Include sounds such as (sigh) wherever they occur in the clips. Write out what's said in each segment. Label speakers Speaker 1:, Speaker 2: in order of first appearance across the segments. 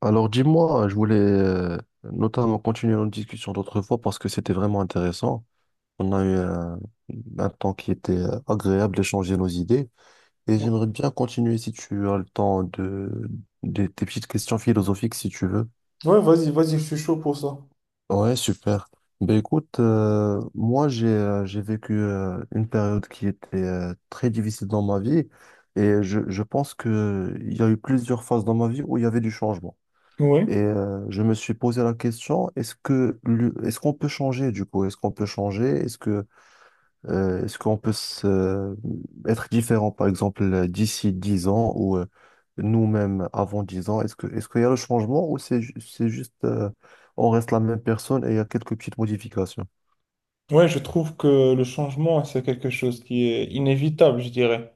Speaker 1: Alors dis-moi, je voulais notamment continuer notre discussion d'autrefois parce que c'était vraiment intéressant. On a eu un temps qui était agréable d'échanger nos idées et
Speaker 2: Ouais,
Speaker 1: j'aimerais bien continuer si tu as le temps de, des tes petites questions philosophiques si tu veux.
Speaker 2: Ouais, vas-y, vas-y, je suis chaud pour ça.
Speaker 1: Ouais, super. Ben écoute, moi j'ai vécu une période qui était très difficile dans ma vie et je pense que il y a eu plusieurs phases dans ma vie où il y avait du changement.
Speaker 2: Oui,
Speaker 1: Je me suis posé la question, est-ce que est-ce qu'on peut changer du coup? Est-ce qu'on peut changer? Est-ce qu'on peut être différent, par exemple, d'ici 10 ans ou nous-mêmes avant 10 ans? Est-ce qu'il y a le changement ou c'est c'est juste on reste la même personne et il y a quelques petites modifications?
Speaker 2: ouais, je trouve que le changement, c'est quelque chose qui est inévitable, je dirais.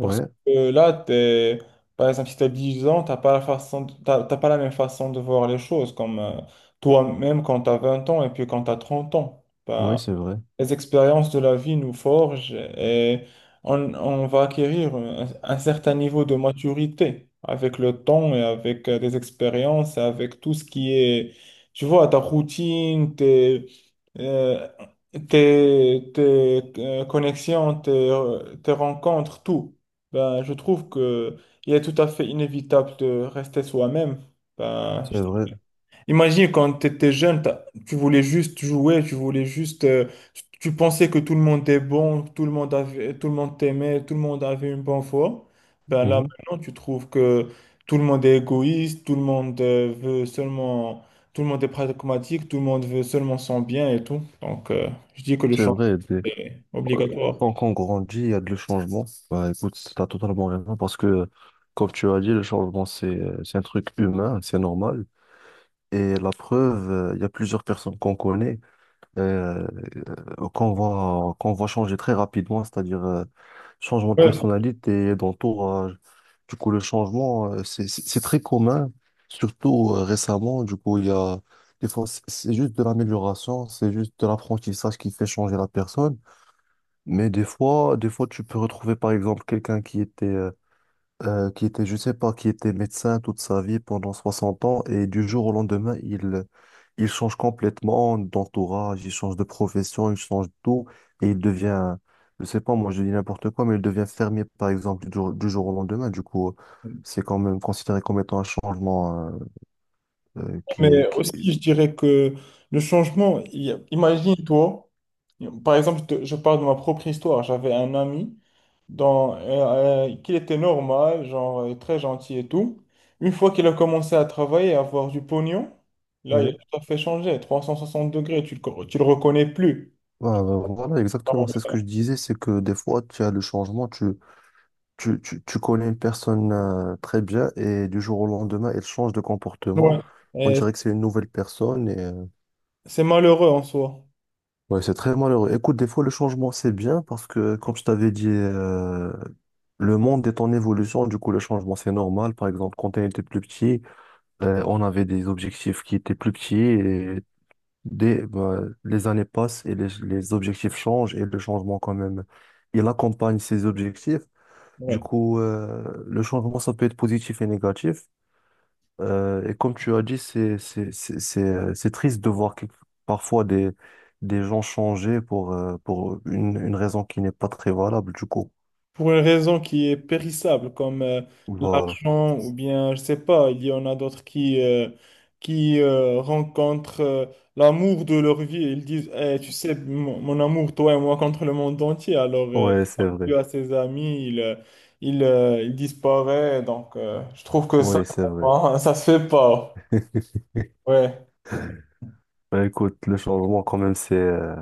Speaker 2: Parce que là, t'es, par exemple, si tu as 10 ans, t'as pas la même façon de voir les choses, comme toi-même quand tu as 20 ans et puis quand tu as 30 ans.
Speaker 1: oui,
Speaker 2: Ben,
Speaker 1: c'est vrai.
Speaker 2: les expériences de la vie nous forgent et on va acquérir un certain niveau de maturité avec le temps et avec des expériences, avec tout ce qui est, tu vois, ta routine, euh, connexions, tes rencontres, tout. Ben, je trouve que il est tout à fait inévitable de rester soi-même. Ben,
Speaker 1: C'est vrai.
Speaker 2: imagine quand tu étais jeune, tu voulais juste jouer, tu pensais que tout le monde était bon, tout le monde avait, tout le monde t'aimait, tout le monde avait une bonne foi. Ben là
Speaker 1: Mhm.
Speaker 2: maintenant, tu trouves que tout le monde est égoïste, tout le monde veut seulement, tout le monde est pragmatique, tout le monde veut seulement son bien et tout. Donc, je dis que le
Speaker 1: C'est
Speaker 2: changement
Speaker 1: vrai. euh,
Speaker 2: est obligatoire.
Speaker 1: Tant qu'on grandit, il y a de le changement. Bah, écoute, tu as totalement raison parce que, comme tu as dit, le changement, c'est un truc humain, c'est normal. Et la preuve, il y a plusieurs personnes qu'on connaît, euh, qu'on va changer très rapidement, c'est-à-dire changement de personnalité, d'entourage. Du coup, le changement, c'est très commun, surtout récemment. Du coup, il y a des fois, c'est juste de l'amélioration, c'est juste de l'apprentissage qui fait changer la personne. Mais des fois, tu peux retrouver par exemple quelqu'un qui était, je sais pas, qui était médecin toute sa vie pendant 60 ans et du jour au lendemain, il change complètement d'entourage, il change de profession, il change de tout et il devient, je sais pas, moi je dis n'importe quoi, mais il devient fermier par exemple du jour au lendemain. Du coup,
Speaker 2: Ouais.
Speaker 1: c'est quand même considéré comme étant un changement qui,
Speaker 2: Mais
Speaker 1: qui...
Speaker 2: aussi, je dirais que le changement, il y a- imagine-toi, par exemple, je parle de ma propre histoire. J'avais un ami qui était normal, genre très gentil et tout. Une fois qu'il a commencé à travailler, et à avoir du pognon, là, il a
Speaker 1: Ouais.
Speaker 2: tout à fait changé. 360 degrés, tu le reconnais plus.
Speaker 1: Ouais, ouais, voilà, exactement, c'est ce que je disais, c'est que des fois, tu as le changement. Tu connais une personne très bien et du jour au lendemain, elle change de
Speaker 2: Ouais.
Speaker 1: comportement. On
Speaker 2: Et
Speaker 1: dirait que c'est une nouvelle personne et
Speaker 2: c'est malheureux en soi.
Speaker 1: ouais, c'est très malheureux. Écoute, des fois, le changement, c'est bien parce que, comme je t'avais dit, le monde est en évolution. Du coup, le changement, c'est normal. Par exemple, quand on était plus petit, on avait des objectifs qui étaient plus petits et des, bah, les années passent et les objectifs changent et le changement, quand même, il accompagne ces objectifs. Du
Speaker 2: Ouais.
Speaker 1: coup, le changement, ça peut être positif et négatif. Et comme tu as dit, c'est triste de voir parfois des gens changer pour une raison qui n'est pas très valable, du coup.
Speaker 2: Pour une raison qui est périssable, comme
Speaker 1: Voilà.
Speaker 2: l'argent, ou bien, je sais pas, il y en a d'autres qui rencontrent l'amour de leur vie ils disent, Eh, tu sais, mon amour, toi et moi, contre le monde entier. Alors, il
Speaker 1: Ouais, c'est
Speaker 2: parle
Speaker 1: vrai.
Speaker 2: plus à ses amis, il disparaît. Donc, je trouve que ça,
Speaker 1: Ouais, c'est vrai.
Speaker 2: vraiment, (laughs) ça se fait pas.
Speaker 1: (laughs)
Speaker 2: Ouais.
Speaker 1: Bah, écoute, le changement, quand même, c'est, euh,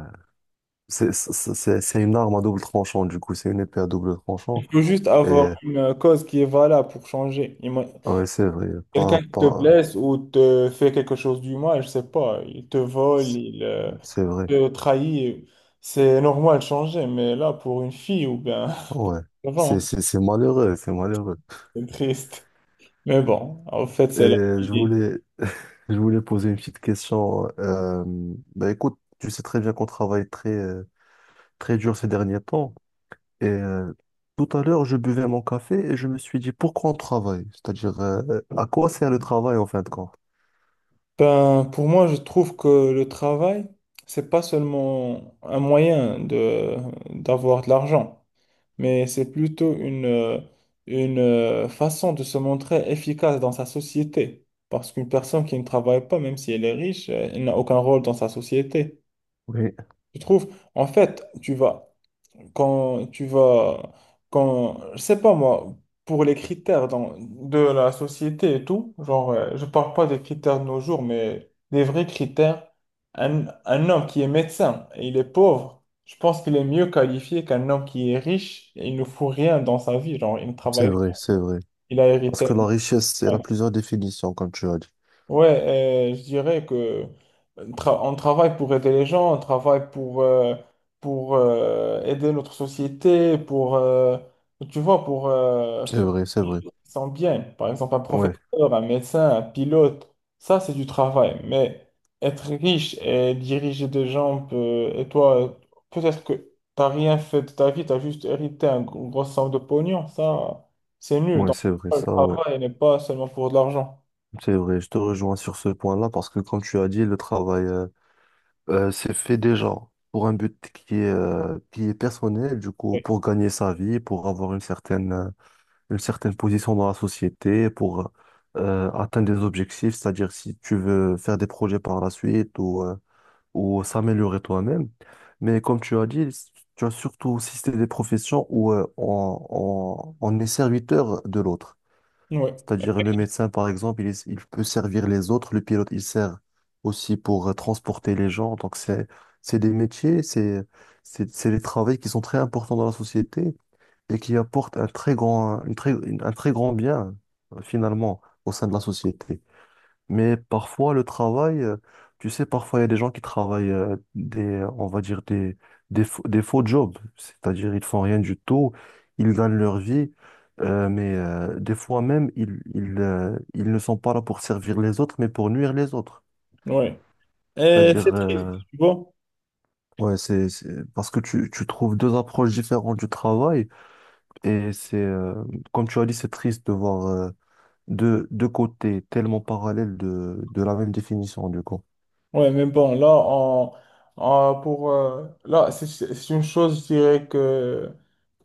Speaker 1: c'est, c'est, c'est c'est une arme à double tranchant, du coup. C'est une épée à double tranchant.
Speaker 2: Il faut juste avoir
Speaker 1: Et,
Speaker 2: une cause qui est valable pour changer.
Speaker 1: ouais, c'est vrai.
Speaker 2: Quelqu'un
Speaker 1: Pas,
Speaker 2: qui te
Speaker 1: pas,
Speaker 2: blesse ou te fait quelque chose du mal, je sais pas, il te vole,
Speaker 1: c'est
Speaker 2: il
Speaker 1: c'est vrai.
Speaker 2: te trahit, c'est normal de changer, mais là, pour une fille, ou bien,
Speaker 1: Ouais.
Speaker 2: (laughs) avant,
Speaker 1: C'est malheureux, c'est malheureux.
Speaker 2: c'est triste. Mais bon, en fait,
Speaker 1: Et
Speaker 2: c'est la
Speaker 1: je
Speaker 2: vie.
Speaker 1: voulais, (laughs) je voulais poser une petite question. Bah écoute, tu sais très bien qu'on travaille très, très dur ces derniers temps. Et tout à l'heure, je buvais mon café et je me suis dit, pourquoi on travaille? C'est-à-dire, à quoi sert le travail en fin de compte?
Speaker 2: Ben, pour moi, je trouve que le travail, c'est pas seulement un moyen de d'avoir de l'argent. Mais c'est plutôt une façon de se montrer efficace dans sa société. Parce qu'une personne qui ne travaille pas, même si elle est riche, elle n'a aucun rôle dans sa société.
Speaker 1: Oui.
Speaker 2: Je trouve, en fait, quand tu vas, quand, je sais pas moi, pour les critères de la société et tout, genre, je parle pas des critères de nos jours, mais des vrais critères, un homme qui est médecin et il est pauvre, je pense qu'il est mieux qualifié qu'un homme qui est riche et il ne fout rien dans sa vie, genre, il ne
Speaker 1: C'est
Speaker 2: travaille, pas,
Speaker 1: vrai, c'est vrai.
Speaker 2: il a
Speaker 1: Parce que
Speaker 2: hérité.
Speaker 1: la richesse, elle a plusieurs définitions, comme tu as dit.
Speaker 2: Ouais, je dirais que on travaille pour aider les gens, on travaille pour aider notre société, tu vois, pour
Speaker 1: C'est
Speaker 2: faire
Speaker 1: vrai, c'est
Speaker 2: des
Speaker 1: vrai.
Speaker 2: choses qui sont bien. Par exemple, un
Speaker 1: Ouais,
Speaker 2: professeur, un médecin, un pilote, ça, c'est du travail. Mais être riche et diriger des gens, et toi, peut-être que tu n'as rien fait de ta vie, tu as juste hérité une grosse somme de pognon, ça, c'est nul.
Speaker 1: ouais,
Speaker 2: Donc,
Speaker 1: c'est vrai,
Speaker 2: le
Speaker 1: ça, ouais.
Speaker 2: travail n'est pas seulement pour de l'argent.
Speaker 1: C'est vrai, je te rejoins sur ce point-là parce que, comme tu as dit, le travail, c'est fait déjà pour un but qui est personnel, du coup, pour gagner sa vie, pour avoir une certaine position dans la société, pour atteindre des objectifs, c'est-à-dire si tu veux faire des projets par la suite ou s'améliorer toi-même. Mais comme tu as dit, tu as surtout si c'est des professions où on est serviteur de l'autre.
Speaker 2: Oui.
Speaker 1: C'est-à-dire le médecin, par exemple, il, il peut servir les autres, le pilote, il sert aussi pour transporter les gens. Donc c'est des métiers, c'est, c'est des travails qui sont très importants dans la société et qui apportent un très grand, un très grand bien, finalement, au sein de la société. Mais parfois, le travail, tu sais, parfois, il y a des gens qui travaillent des, on va dire, des faux jobs. C'est-à-dire, ils font rien du tout, ils gagnent leur vie, mais des fois même, ils ne sont pas là pour servir les autres, mais pour nuire les autres.
Speaker 2: Ouais. Et c'est
Speaker 1: C'est-à-dire,
Speaker 2: triste, tu vois.
Speaker 1: ouais, parce que tu trouves deux approches différentes du travail, et c'est, comme tu as dit, c'est triste de voir deux côtés tellement parallèles de la même définition, du coup.
Speaker 2: Ouais, mais bon, là, là, c'est une chose, je dirais que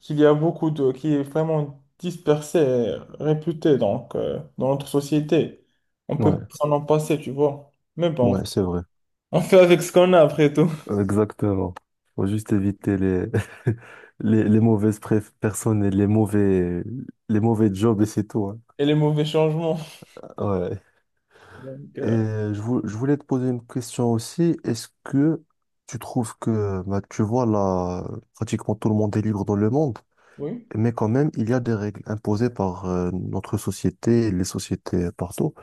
Speaker 2: qu'il y a beaucoup de, qui est vraiment dispersée, et réputée, donc, dans notre société. On peut pas
Speaker 1: Ouais.
Speaker 2: s'en en passer, tu vois. Mais bon,
Speaker 1: Ouais, c'est vrai.
Speaker 2: (laughs) on fait avec ce qu'on a après tout.
Speaker 1: Exactement. Faut juste éviter les, (laughs) les personnes et les mauvais jobs et c'est tout. Hein.
Speaker 2: Et les mauvais changements.
Speaker 1: Ouais.
Speaker 2: Donc,
Speaker 1: Et je, je voulais te poser une question aussi. Est-ce que tu trouves que, bah, tu vois, là, pratiquement tout le monde est libre dans le monde,
Speaker 2: oui.
Speaker 1: mais quand même, il y a des règles imposées par notre société, les sociétés partout.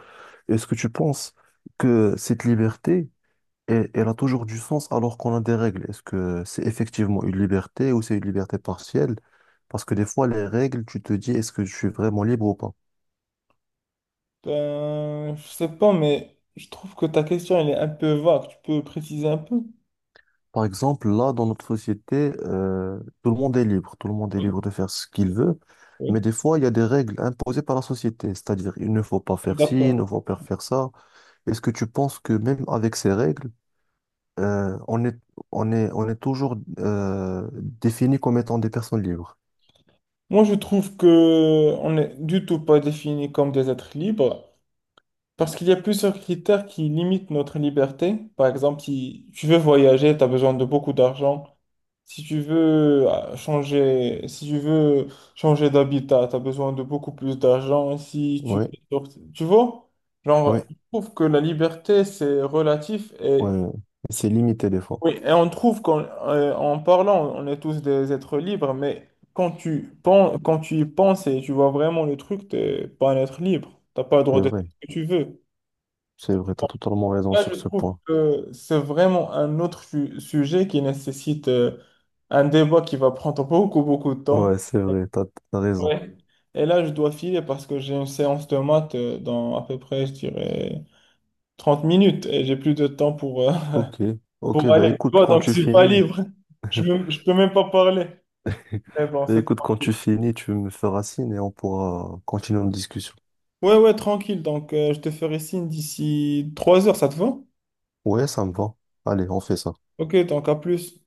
Speaker 1: Est-ce que tu penses que cette liberté, et elle a toujours du sens alors qu'on a des règles. Est-ce que c'est effectivement une liberté ou c'est une liberté partielle? Parce que des fois, les règles, tu te dis, est-ce que je suis vraiment libre ou pas?
Speaker 2: Ben, je sais pas, mais je trouve que ta question, elle est un peu vague. Tu peux préciser un peu?
Speaker 1: Par exemple, là, dans notre société, tout le monde est libre. Tout le monde est libre de faire ce qu'il veut. Mais
Speaker 2: Oui.
Speaker 1: des fois, il y a des règles imposées par la société. C'est-à-dire, il ne faut pas
Speaker 2: Je suis
Speaker 1: faire ci, il
Speaker 2: d'accord.
Speaker 1: ne faut pas faire ça. Est-ce que tu penses que même avec ces règles, euh, on est, on est toujours défini comme étant des personnes libres?
Speaker 2: Moi, je trouve que on n'est du tout pas défini comme des êtres libres parce qu'il y a plusieurs critères qui limitent notre liberté. Par exemple, si tu veux voyager, tu as besoin de beaucoup d'argent. Si tu veux changer, si tu veux changer d'habitat, tu as besoin de beaucoup plus d'argent. Si tu,
Speaker 1: Oui,
Speaker 2: veux, sortir- Tu vois,
Speaker 1: oui.
Speaker 2: genre, je trouve que la liberté, c'est relatif et
Speaker 1: Ouais, c'est limité des fois.
Speaker 2: oui, et on trouve qu'en en parlant, on est tous des êtres libres, mais quand tu penses, quand tu y penses et tu vois vraiment le truc, t'es pas un être libre. T'as pas le
Speaker 1: C'est
Speaker 2: droit de faire
Speaker 1: vrai.
Speaker 2: ce que tu veux.
Speaker 1: C'est vrai, t'as totalement raison
Speaker 2: Là, je
Speaker 1: sur ce
Speaker 2: trouve
Speaker 1: point.
Speaker 2: que c'est vraiment un autre sujet qui nécessite un débat qui va prendre (laughs) beaucoup, beaucoup de temps.
Speaker 1: Ouais, c'est vrai, t'as raison.
Speaker 2: Ouais. Et là, je dois filer parce que j'ai une séance de maths dans à peu près, je dirais, 30 minutes et j'ai plus de temps pour,
Speaker 1: Ok.
Speaker 2: (laughs)
Speaker 1: Ok,
Speaker 2: pour
Speaker 1: bah
Speaker 2: aller. Tu
Speaker 1: écoute,
Speaker 2: vois,
Speaker 1: quand
Speaker 2: donc je
Speaker 1: tu
Speaker 2: suis pas
Speaker 1: finis,
Speaker 2: libre. Je peux même pas parler.
Speaker 1: (laughs)
Speaker 2: Mais bon,
Speaker 1: bah
Speaker 2: c'est
Speaker 1: écoute, quand
Speaker 2: tranquille.
Speaker 1: tu finis, tu me feras signe et on pourra continuer notre discussion.
Speaker 2: Ouais, ouais, tranquille. Donc, je te ferai signe d'ici 3 heures, ça te va?
Speaker 1: Ouais, ça me va. Allez, on fait ça.
Speaker 2: Ok, donc à plus.